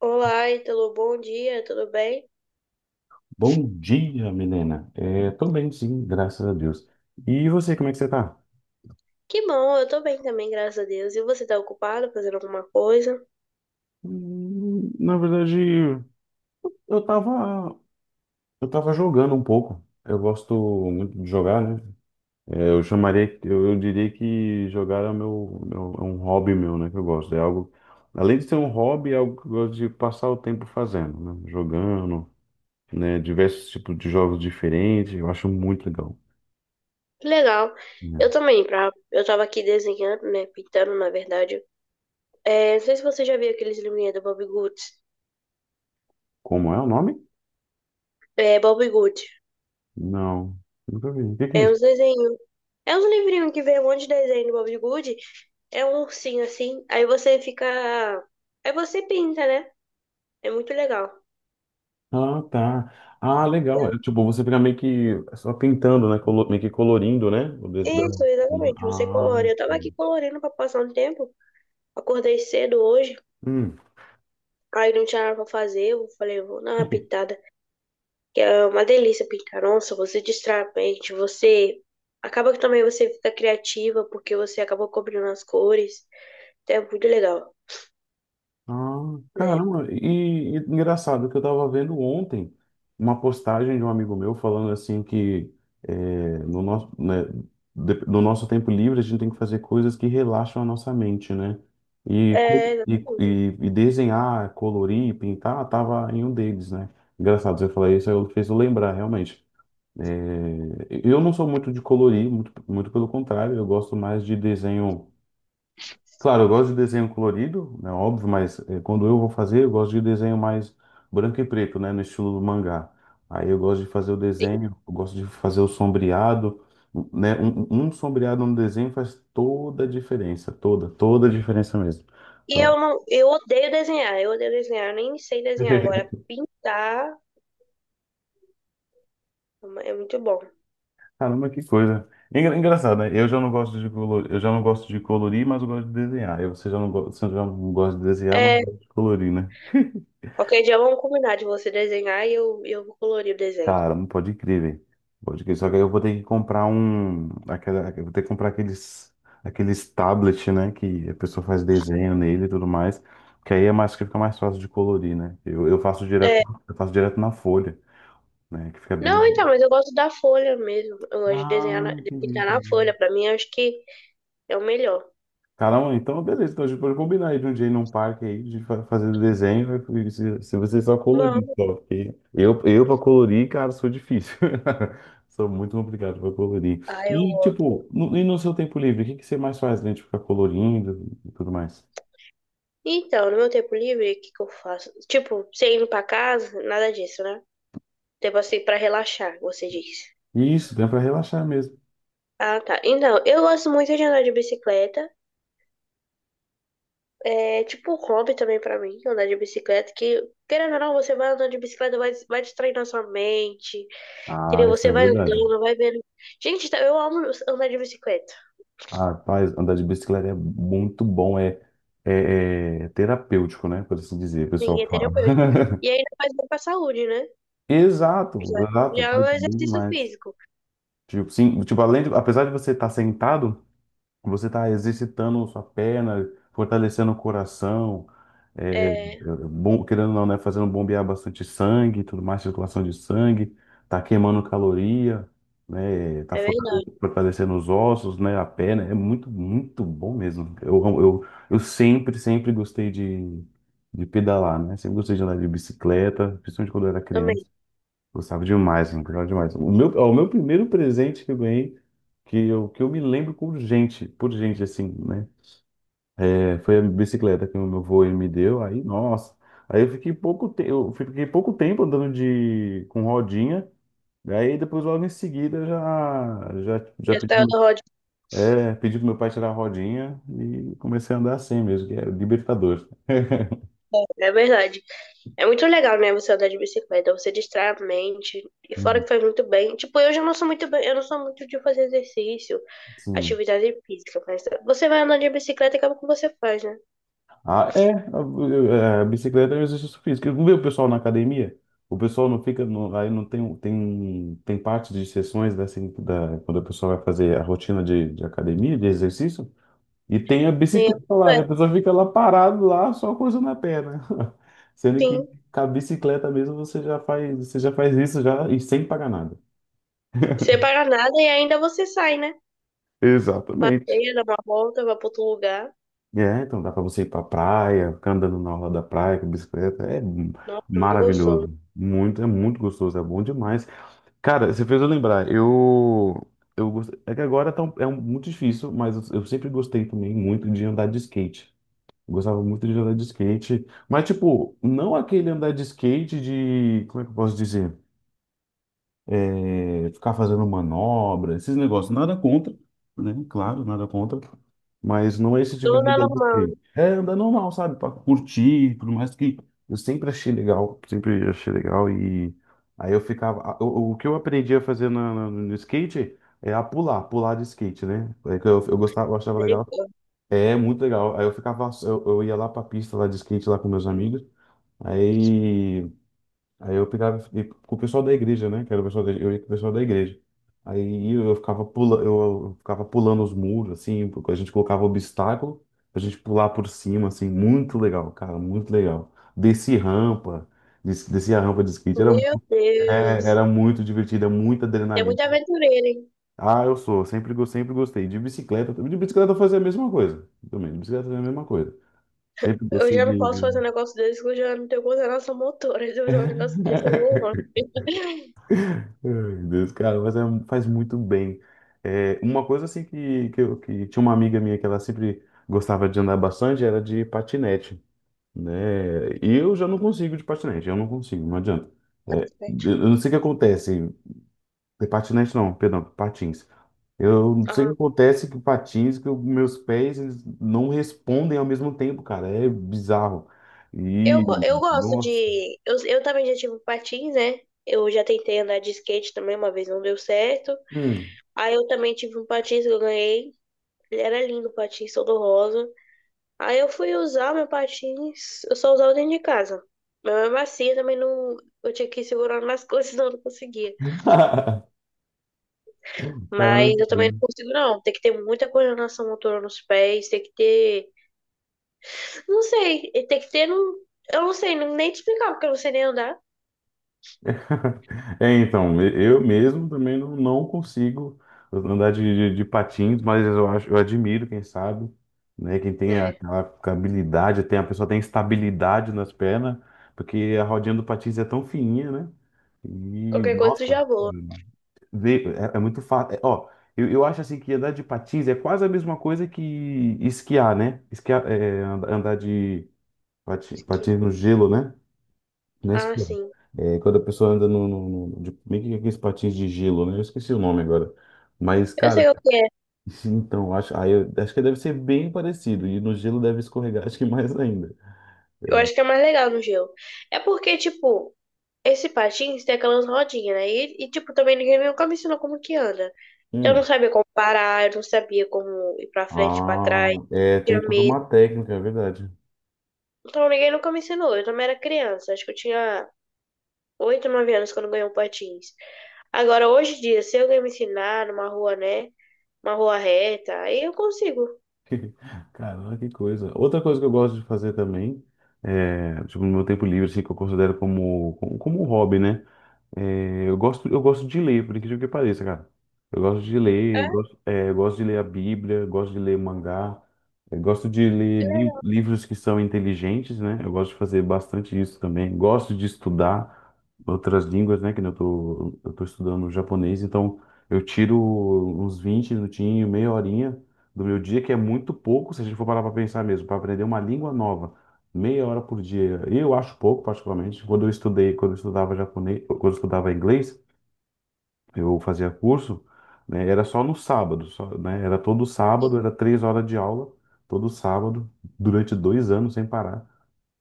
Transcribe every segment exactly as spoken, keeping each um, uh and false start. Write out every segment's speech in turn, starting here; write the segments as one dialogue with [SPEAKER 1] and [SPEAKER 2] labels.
[SPEAKER 1] Olá, Ítalo, bom dia, tudo bem?
[SPEAKER 2] Bom dia, Milena. É, tô bem, sim, graças a Deus. E você, como é que você tá?
[SPEAKER 1] Que bom, eu tô bem também, graças a Deus. E você tá ocupado fazendo alguma coisa?
[SPEAKER 2] Hum, Na verdade, eu tava, eu tava jogando um pouco. Eu gosto muito de jogar, né? É, eu chamaria, eu, eu diria que jogar é o meu, meu- é um hobby meu, né? Que eu gosto. É algo, além de ser um hobby, é algo que eu gosto de passar o tempo fazendo, né? Jogando, né? Diversos tipos de jogos diferentes. Eu acho muito legal.
[SPEAKER 1] Que legal.
[SPEAKER 2] Né?
[SPEAKER 1] Eu também, pra... eu tava aqui desenhando, né, pintando, na verdade. É, não sei se você já viu aqueles livrinhos do Bob Goods.
[SPEAKER 2] Como é o nome?
[SPEAKER 1] É, Bob Good.
[SPEAKER 2] Não, nunca vi. O que que é
[SPEAKER 1] É
[SPEAKER 2] isso?
[SPEAKER 1] uns desenhos. É uns livrinhos que vem um monte de desenho do Bob Good. É um ursinho assim, aí você fica... Aí você pinta, né? É muito legal.
[SPEAKER 2] Ah, tá. Ah, legal. É, tipo, você fica meio que só pintando, né? Colo- Meio que colorindo, né? O
[SPEAKER 1] Isso,
[SPEAKER 2] desdão.
[SPEAKER 1] exatamente, você
[SPEAKER 2] Ah,
[SPEAKER 1] colore. Eu tava aqui
[SPEAKER 2] sim.
[SPEAKER 1] colorindo pra passar um tempo. Acordei cedo hoje.
[SPEAKER 2] Hum.
[SPEAKER 1] Aí não tinha nada pra fazer, eu falei, vou dar uma pintada, que é uma delícia pintar onça, você distrai a mente, você acaba que também você fica criativa, porque você acaba cobrindo as cores, então é muito legal,
[SPEAKER 2] Ah,
[SPEAKER 1] né?
[SPEAKER 2] caramba. E, e engraçado que eu tava vendo ontem uma postagem de um amigo meu falando assim que é, no nosso, né, de- no nosso tempo livre a gente tem que fazer coisas que relaxam a nossa mente, né? E,
[SPEAKER 1] É,
[SPEAKER 2] co- e,
[SPEAKER 1] exatamente.
[SPEAKER 2] e, e desenhar, colorir, pintar, tava em um deles, né? Engraçado você falar isso, aí eu fez eu lembrar, realmente. É, eu não sou muito de colorir, muito, muito pelo contrário, eu gosto mais de desenho. Claro, eu gosto de desenho colorido, né, óbvio, mas eh, quando eu vou fazer, eu gosto de desenho mais branco e preto, né, no estilo do mangá. Aí eu gosto de fazer o
[SPEAKER 1] Sim.
[SPEAKER 2] desenho, eu gosto de fazer o sombreado, né, um, um sombreado no desenho faz toda a diferença, toda, toda a diferença mesmo.
[SPEAKER 1] E
[SPEAKER 2] Então,
[SPEAKER 1] eu não, eu odeio desenhar, eu odeio desenhar, eu nem sei desenhar agora, pintar é muito bom.
[SPEAKER 2] Caramba, que coisa. Engra- Engraçado, né? Eu já não gosto de colorir, eu já não gosto de colorir, mas eu gosto de desenhar. E você já não, go... você já não gosta de desenhar, mas
[SPEAKER 1] É,
[SPEAKER 2] gosta de colorir, né?
[SPEAKER 1] qualquer dia vamos combinar de você desenhar e eu, eu vou colorir o desenho.
[SPEAKER 2] Cara, não pode crer, velho. Pode crer. Só que aí eu vou ter que comprar um. Aquela... Eu vou ter que comprar aqueles. Aqueles tablets, né? Que a pessoa faz desenho nele e tudo mais. Que aí é mais que fica mais fácil de colorir, né? Eu, eu faço direto,
[SPEAKER 1] É,
[SPEAKER 2] eu faço direto, na folha, né? Que fica bem.
[SPEAKER 1] não, então, mas eu gosto da folha mesmo. Eu gosto de desenhar,
[SPEAKER 2] Ah,
[SPEAKER 1] na- de pintar na
[SPEAKER 2] entendi.
[SPEAKER 1] folha. Pra mim, eu acho que é o melhor.
[SPEAKER 2] Caramba, então beleza. Então a gente pode combinar aí de um dia ir num parque aí, de fa- fazer o desenho. Né? E Se, se você só colorir,
[SPEAKER 1] Vamos.
[SPEAKER 2] só. Porque eu, eu pra colorir, cara, sou difícil. Sou muito complicado pra colorir.
[SPEAKER 1] Ah, eu
[SPEAKER 2] E,
[SPEAKER 1] gosto.
[SPEAKER 2] tipo, no, e no seu tempo livre, o que, que você mais faz, né? Tipo, ficar colorindo e tudo mais.
[SPEAKER 1] Então, no meu tempo livre, o que que eu faço? Tipo, você indo pra casa, nada disso, né? Tipo assim, pra relaxar, você disse.
[SPEAKER 2] Isso, dá pra relaxar mesmo.
[SPEAKER 1] Ah, tá. Então, eu gosto muito de andar de bicicleta. É tipo um hobby também pra mim, andar de bicicleta, que, querendo ou não, você vai andando de bicicleta, vai, vai distraindo a sua mente,
[SPEAKER 2] Ah,
[SPEAKER 1] entendeu?
[SPEAKER 2] isso
[SPEAKER 1] Você
[SPEAKER 2] é
[SPEAKER 1] vai
[SPEAKER 2] verdade.
[SPEAKER 1] andando, vai vendo. Gente, tá- eu amo andar de bicicleta.
[SPEAKER 2] Ah, rapaz, andar de bicicleta é muito bom, é, é, é terapêutico, né? Por assim dizer, o pessoal
[SPEAKER 1] Sim, é
[SPEAKER 2] fala.
[SPEAKER 1] terapêutico. E ainda faz bem pra saúde, né?
[SPEAKER 2] Exato,
[SPEAKER 1] Já,
[SPEAKER 2] exato,
[SPEAKER 1] já é um
[SPEAKER 2] faz bem
[SPEAKER 1] exercício
[SPEAKER 2] demais.
[SPEAKER 1] físico.
[SPEAKER 2] Tipo, sim, tipo, além de, apesar de você estar sentado, você está exercitando sua perna, fortalecendo o coração, é, é,
[SPEAKER 1] É,
[SPEAKER 2] bom, querendo ou não, né, fazendo bombear bastante sangue, e tudo mais, circulação de sangue, tá queimando caloria, né, tá
[SPEAKER 1] é
[SPEAKER 2] fortale-
[SPEAKER 1] verdade.
[SPEAKER 2] fortalecendo os ossos, né, a perna, é muito, muito bom mesmo. Eu, eu, eu sempre, sempre gostei de, de pedalar, né, sempre gostei de andar de bicicleta, principalmente quando eu era
[SPEAKER 1] Também.
[SPEAKER 2] criança. Gostava demais, mano, gostava demais. O meu, ó, o meu primeiro presente que eu ganhei, que eu, que eu me lembro por gente, por gente, assim, né? É, foi a bicicleta que o meu avô ele me deu, aí, nossa. Aí eu fiquei pouco, te... eu fiquei pouco tempo andando de... com rodinha, aí depois logo em seguida já, já, já
[SPEAKER 1] Já
[SPEAKER 2] pedi,
[SPEAKER 1] saiu do roda de
[SPEAKER 2] é, pedi pro meu pai tirar a rodinha e comecei a andar assim mesmo, que é libertador.
[SPEAKER 1] bicicleta, é verdade. É muito legal, né, você andar de bicicleta, você distrai a mente, e fora
[SPEAKER 2] Uhum.
[SPEAKER 1] que faz muito bem. Tipo, eu já não sou muito bem, eu não sou muito de fazer exercício,
[SPEAKER 2] Sim.
[SPEAKER 1] atividade física, mas você vai andar de bicicleta e acaba com o que você faz, né?
[SPEAKER 2] Ah, é, a, a a bicicleta é um exercício físico. Eu não vejo o pessoal na academia? O pessoal não fica, no, aí não tem, tem, tem parte de sessões da, assim, da, quando a pessoa vai fazer a rotina de, de academia, de exercício, e tem a
[SPEAKER 1] E é,
[SPEAKER 2] bicicleta lá, e a pessoa fica lá parado lá, só coisando a perna. Sendo que
[SPEAKER 1] sim,
[SPEAKER 2] com a bicicleta mesmo você já faz, você já faz isso já e sem pagar nada.
[SPEAKER 1] você paga nada e ainda você sai, né?
[SPEAKER 2] Exatamente.
[SPEAKER 1] Passeia, dá uma volta, vai pra outro lugar.
[SPEAKER 2] É, então dá pra você ir pra praia, ficar andando na orla da praia com bicicleta. É m-
[SPEAKER 1] Nossa, é muito gostoso.
[SPEAKER 2] maravilhoso. Muito, é muito gostoso, é bom demais. Cara, você fez eu lembrar. Eu, eu gost- é que agora tá um- é um- muito difícil, mas eu, eu sempre gostei também muito de andar de skate. Eu gostava muito de andar de skate, mas tipo, não aquele andar de skate de, como é que eu posso dizer? É, ficar fazendo manobra, esses negócios, nada contra, né? Claro, nada contra, mas não é esse tipo
[SPEAKER 1] Tudo
[SPEAKER 2] de
[SPEAKER 1] na
[SPEAKER 2] andar que
[SPEAKER 1] normal,
[SPEAKER 2] eu-
[SPEAKER 1] né?
[SPEAKER 2] gosto. É andar normal, sabe? Para curtir, por mais que eu sempre achei legal, sempre achei legal e aí eu ficava, o, o que eu aprendi a fazer na- na- no, skate é a pular, pular de skate, né? É que eu, eu gostava, eu achava legal. É muito legal. Aí eu ficava, eu, eu ia lá pra pista lá de skate lá com meus amigos. Aí Aí eu pegava e ia com o pessoal da igreja, né? Que era o pessoal da, Eu ia com o pessoal da igreja. Aí eu ficava pula eu ficava pulando os muros, assim, porque a gente colocava obstáculo a gente pular por cima, assim, muito legal, cara, muito legal. Desci rampa, des- desci a rampa de skate, era,
[SPEAKER 1] Meu
[SPEAKER 2] mu- é,
[SPEAKER 1] Deus.
[SPEAKER 2] era muito divertido, é muita
[SPEAKER 1] É muito
[SPEAKER 2] adrenalina.
[SPEAKER 1] aventureiro, hein?
[SPEAKER 2] Ah, eu sou, sempre, go- sempre gostei. De bicicleta, de bicicleta eu fazia a mesma coisa também, de bicicleta eu fazia a mesma coisa. Sempre
[SPEAKER 1] Eu
[SPEAKER 2] gostei
[SPEAKER 1] já não posso fazer um
[SPEAKER 2] de.
[SPEAKER 1] negócio desse, que eu já não tenho coordenação motora. Se eu fizer um negócio desse, eu vou longe,
[SPEAKER 2] Ai, meu Deus, cara, mas é- faz muito bem. É, uma coisa assim que, que, eu, que tinha uma amiga minha que ela sempre gostava de andar bastante era de patinete, né? E eu já não consigo de patinete, eu não consigo, não adianta. É,
[SPEAKER 1] gente.
[SPEAKER 2] eu não sei o que acontece, é patinete não, perdão, patins. Eu não sei o
[SPEAKER 1] Ah,
[SPEAKER 2] que acontece com patins, que os meus pés eles não respondem ao mesmo tempo, cara, é bizarro.
[SPEAKER 1] eu,
[SPEAKER 2] E,
[SPEAKER 1] go- eu gosto
[SPEAKER 2] nossa,
[SPEAKER 1] de. Eu, eu também já tive um patins, né? Eu já tentei andar de skate também, uma vez não deu certo.
[SPEAKER 2] hum.
[SPEAKER 1] Aí eu também tive um patins que eu ganhei. Ele era lindo, o patins todo rosa. Aí eu fui usar meu patins, eu só usava dentro de casa. Mas mesmo assim, eu também não. Eu tinha que ir segurando nas coisas, senão eu não conseguia. Mas eu também não
[SPEAKER 2] Caramba.
[SPEAKER 1] consigo, não. Tem que ter muita coordenação motora nos pés, tem que ter não sei, tem que ter um. Eu não sei nem te explicar, porque eu não sei nem andar.
[SPEAKER 2] É, então, e- eu mesmo também não, não consigo andar de, de- de patins, mas eu acho, eu admiro, quem sabe, né? Quem tem
[SPEAKER 1] É.
[SPEAKER 2] aquela habilidade, tem, a pessoa tem estabilidade nas pernas, porque a rodinha do patins é tão fininha, né? E,
[SPEAKER 1] Qualquer coisa tu
[SPEAKER 2] nossa,
[SPEAKER 1] já voa.
[SPEAKER 2] vê- é, é muito fácil. é, ó, eu, eu acho assim que andar de patins é quase a mesma coisa que esquiar, né? Esquiar, é, and- andar de pati-
[SPEAKER 1] Acho que-
[SPEAKER 2] patins no gelo, né? Na
[SPEAKER 1] Ah,
[SPEAKER 2] esquerda.
[SPEAKER 1] sim.
[SPEAKER 2] É, quando a pessoa anda no, no, no- de, meio que aqueles patins de gelo, né? Eu esqueci o nome agora. Mas,
[SPEAKER 1] Eu
[SPEAKER 2] cara,
[SPEAKER 1] sei o que é.
[SPEAKER 2] esse- então, acho, aí eu- acho que deve ser bem parecido. E no gelo deve escorregar, acho que mais ainda.
[SPEAKER 1] Eu acho que é mais legal no gelo. É porque, tipo, esse patins tem aquelas rodinhas, né? E, e, tipo, também ninguém nunca me ensinou como que anda. Eu não
[SPEAKER 2] Hum.
[SPEAKER 1] sabia como parar, eu não sabia como ir pra frente, pra
[SPEAKER 2] Ah,
[SPEAKER 1] trás.
[SPEAKER 2] é, tem
[SPEAKER 1] Tinha
[SPEAKER 2] tudo uma
[SPEAKER 1] medo.
[SPEAKER 2] técnica, é verdade.
[SPEAKER 1] Então ninguém nunca me ensinou. Eu também era criança. Acho que eu tinha oito nove anos quando eu ganhei o patins. Agora, hoje em dia, se alguém me ensinar numa rua, né? Uma rua reta, aí eu consigo.
[SPEAKER 2] Caramba, que coisa. Outra coisa que eu gosto de fazer também, é, tipo, no meu tempo livre, assim, que eu considero como, como, como, um hobby, né? É, eu gosto, eu gosto de ler, por incrível que pareça, cara. Eu gosto de
[SPEAKER 1] É, é
[SPEAKER 2] ler, gosto, é, eu gosto de ler a Bíblia, gosto de ler mangá, eu gosto de ler li-
[SPEAKER 1] legal.
[SPEAKER 2] livros que são inteligentes, né? Eu gosto de fazer bastante isso também. Gosto de estudar outras línguas, né? Que nem eu tô, eu tô estudando japonês, então eu tiro uns vinte minutinhos, meia horinha do meu dia, que é muito pouco, se a gente for parar para pensar mesmo, para aprender uma língua nova. Meia hora por dia. Eu acho pouco, particularmente. Quando eu estudei, quando eu estudava japonês, quando eu estudava inglês, eu fazia curso, né, era só no sábado, só, né, era todo sábado, era três horas de aula, todo sábado, durante dois anos sem parar.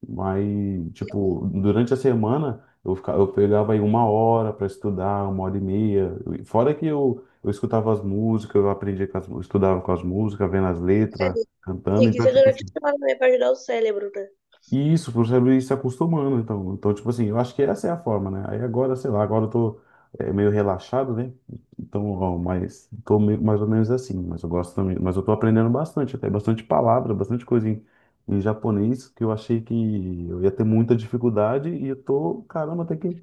[SPEAKER 2] Mas, tipo, durante a semana, eu, ficava, eu pegava aí uma hora para estudar, uma hora e meia. Fora que eu, eu escutava as músicas, eu aprendia com as, eu estudava com as músicas, vendo as
[SPEAKER 1] É,
[SPEAKER 2] letras, cantando.
[SPEAKER 1] tem que
[SPEAKER 2] Então,
[SPEAKER 1] ser
[SPEAKER 2] tipo,
[SPEAKER 1] durante
[SPEAKER 2] assim,
[SPEAKER 1] a semana, né, pra ajudar o cérebro, né?
[SPEAKER 2] isso, para saber ir se acostumando, então. Então, tipo assim, eu acho que essa é a forma, né? Aí agora, sei lá, agora eu tô é, meio relaxado, né? Então, ó, mas tô meio, mais ou menos assim, mas eu gosto também, mas eu tô aprendendo bastante, até bastante palavra, bastante coisa em, em, japonês, que eu achei que eu ia ter muita dificuldade e eu tô, caramba, até que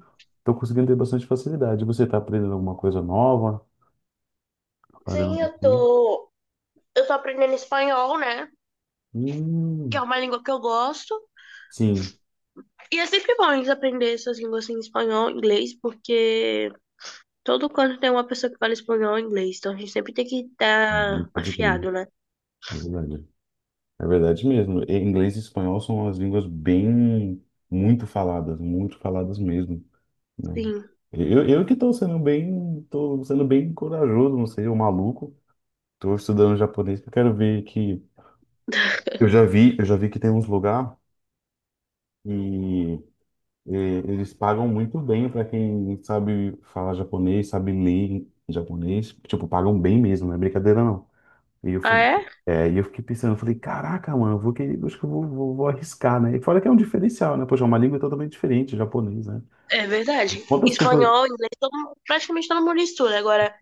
[SPEAKER 2] tô conseguindo ter bastante facilidade. Você tá aprendendo alguma coisa nova? Tá fazendo...
[SPEAKER 1] Sim, eu
[SPEAKER 2] algum-
[SPEAKER 1] tô. Eu tô aprendendo espanhol, né? Que
[SPEAKER 2] Hum,
[SPEAKER 1] é uma língua que eu gosto.
[SPEAKER 2] sim,
[SPEAKER 1] E é sempre bom eles aprender essas línguas assim, espanhol, inglês, porque todo canto tem uma pessoa que fala espanhol ou inglês. Então a gente sempre tem que estar
[SPEAKER 2] pode crer,
[SPEAKER 1] afiado, né?
[SPEAKER 2] é verdade. É verdade mesmo. E inglês e espanhol são as línguas bem muito faladas, muito faladas mesmo, né?
[SPEAKER 1] Sim.
[SPEAKER 2] Eu, eu que estou sendo bem, tô sendo bem corajoso, não sei, o maluco. Estou estudando japonês, porque eu quero ver que eu já vi, eu já vi que tem uns lugar e, e eles pagam muito bem para quem sabe falar japonês, sabe ler em japonês, tipo, pagam bem mesmo, não é brincadeira não. E eu,
[SPEAKER 1] Ah,
[SPEAKER 2] fal-
[SPEAKER 1] é?
[SPEAKER 2] é, e eu fiquei pensando, eu falei, caraca, mano, eu vou que, acho que eu vou, vou, vou arriscar, né? E fora que é um diferencial, né? Poxa, é uma língua totalmente diferente, japonês, né?
[SPEAKER 1] É verdade.
[SPEAKER 2] Quantas pessoas.
[SPEAKER 1] Espanhol, inglês, todo mundo- praticamente todo mundo estuda. Agora,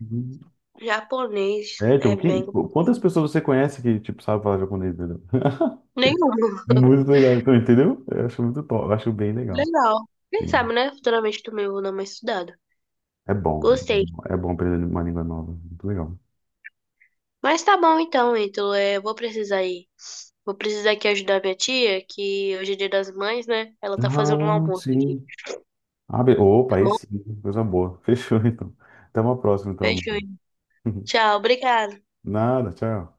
[SPEAKER 1] japonês
[SPEAKER 2] É,
[SPEAKER 1] é
[SPEAKER 2] tipo, quem,
[SPEAKER 1] bem.
[SPEAKER 2] quantas pessoas você conhece que, tipo, sabe falar japonês, entendeu?
[SPEAKER 1] Nenhum.
[SPEAKER 2] Muito legal, então, entendeu? Eu acho muito top, eu acho bem legal.
[SPEAKER 1] Legal. Quem
[SPEAKER 2] Sim.
[SPEAKER 1] sabe, né? Futuramente também eu vou dar uma estudada.
[SPEAKER 2] É bom,
[SPEAKER 1] Gostei.
[SPEAKER 2] é bom aprender uma língua nova, muito legal.
[SPEAKER 1] Mas tá bom então, Ítalo. É, eu vou precisar ir. Vou precisar aqui ajudar minha tia, que hoje é dia das mães, né? Ela tá fazendo um
[SPEAKER 2] Ah,
[SPEAKER 1] almoço aqui,
[SPEAKER 2] sim. Ah, be- opa,
[SPEAKER 1] tá
[SPEAKER 2] aí
[SPEAKER 1] bom?
[SPEAKER 2] sim, coisa boa. Fechou, então. Até uma próxima, então,
[SPEAKER 1] Beijo.
[SPEAKER 2] amiga.
[SPEAKER 1] Tchau, obrigada.
[SPEAKER 2] Nada, tchau.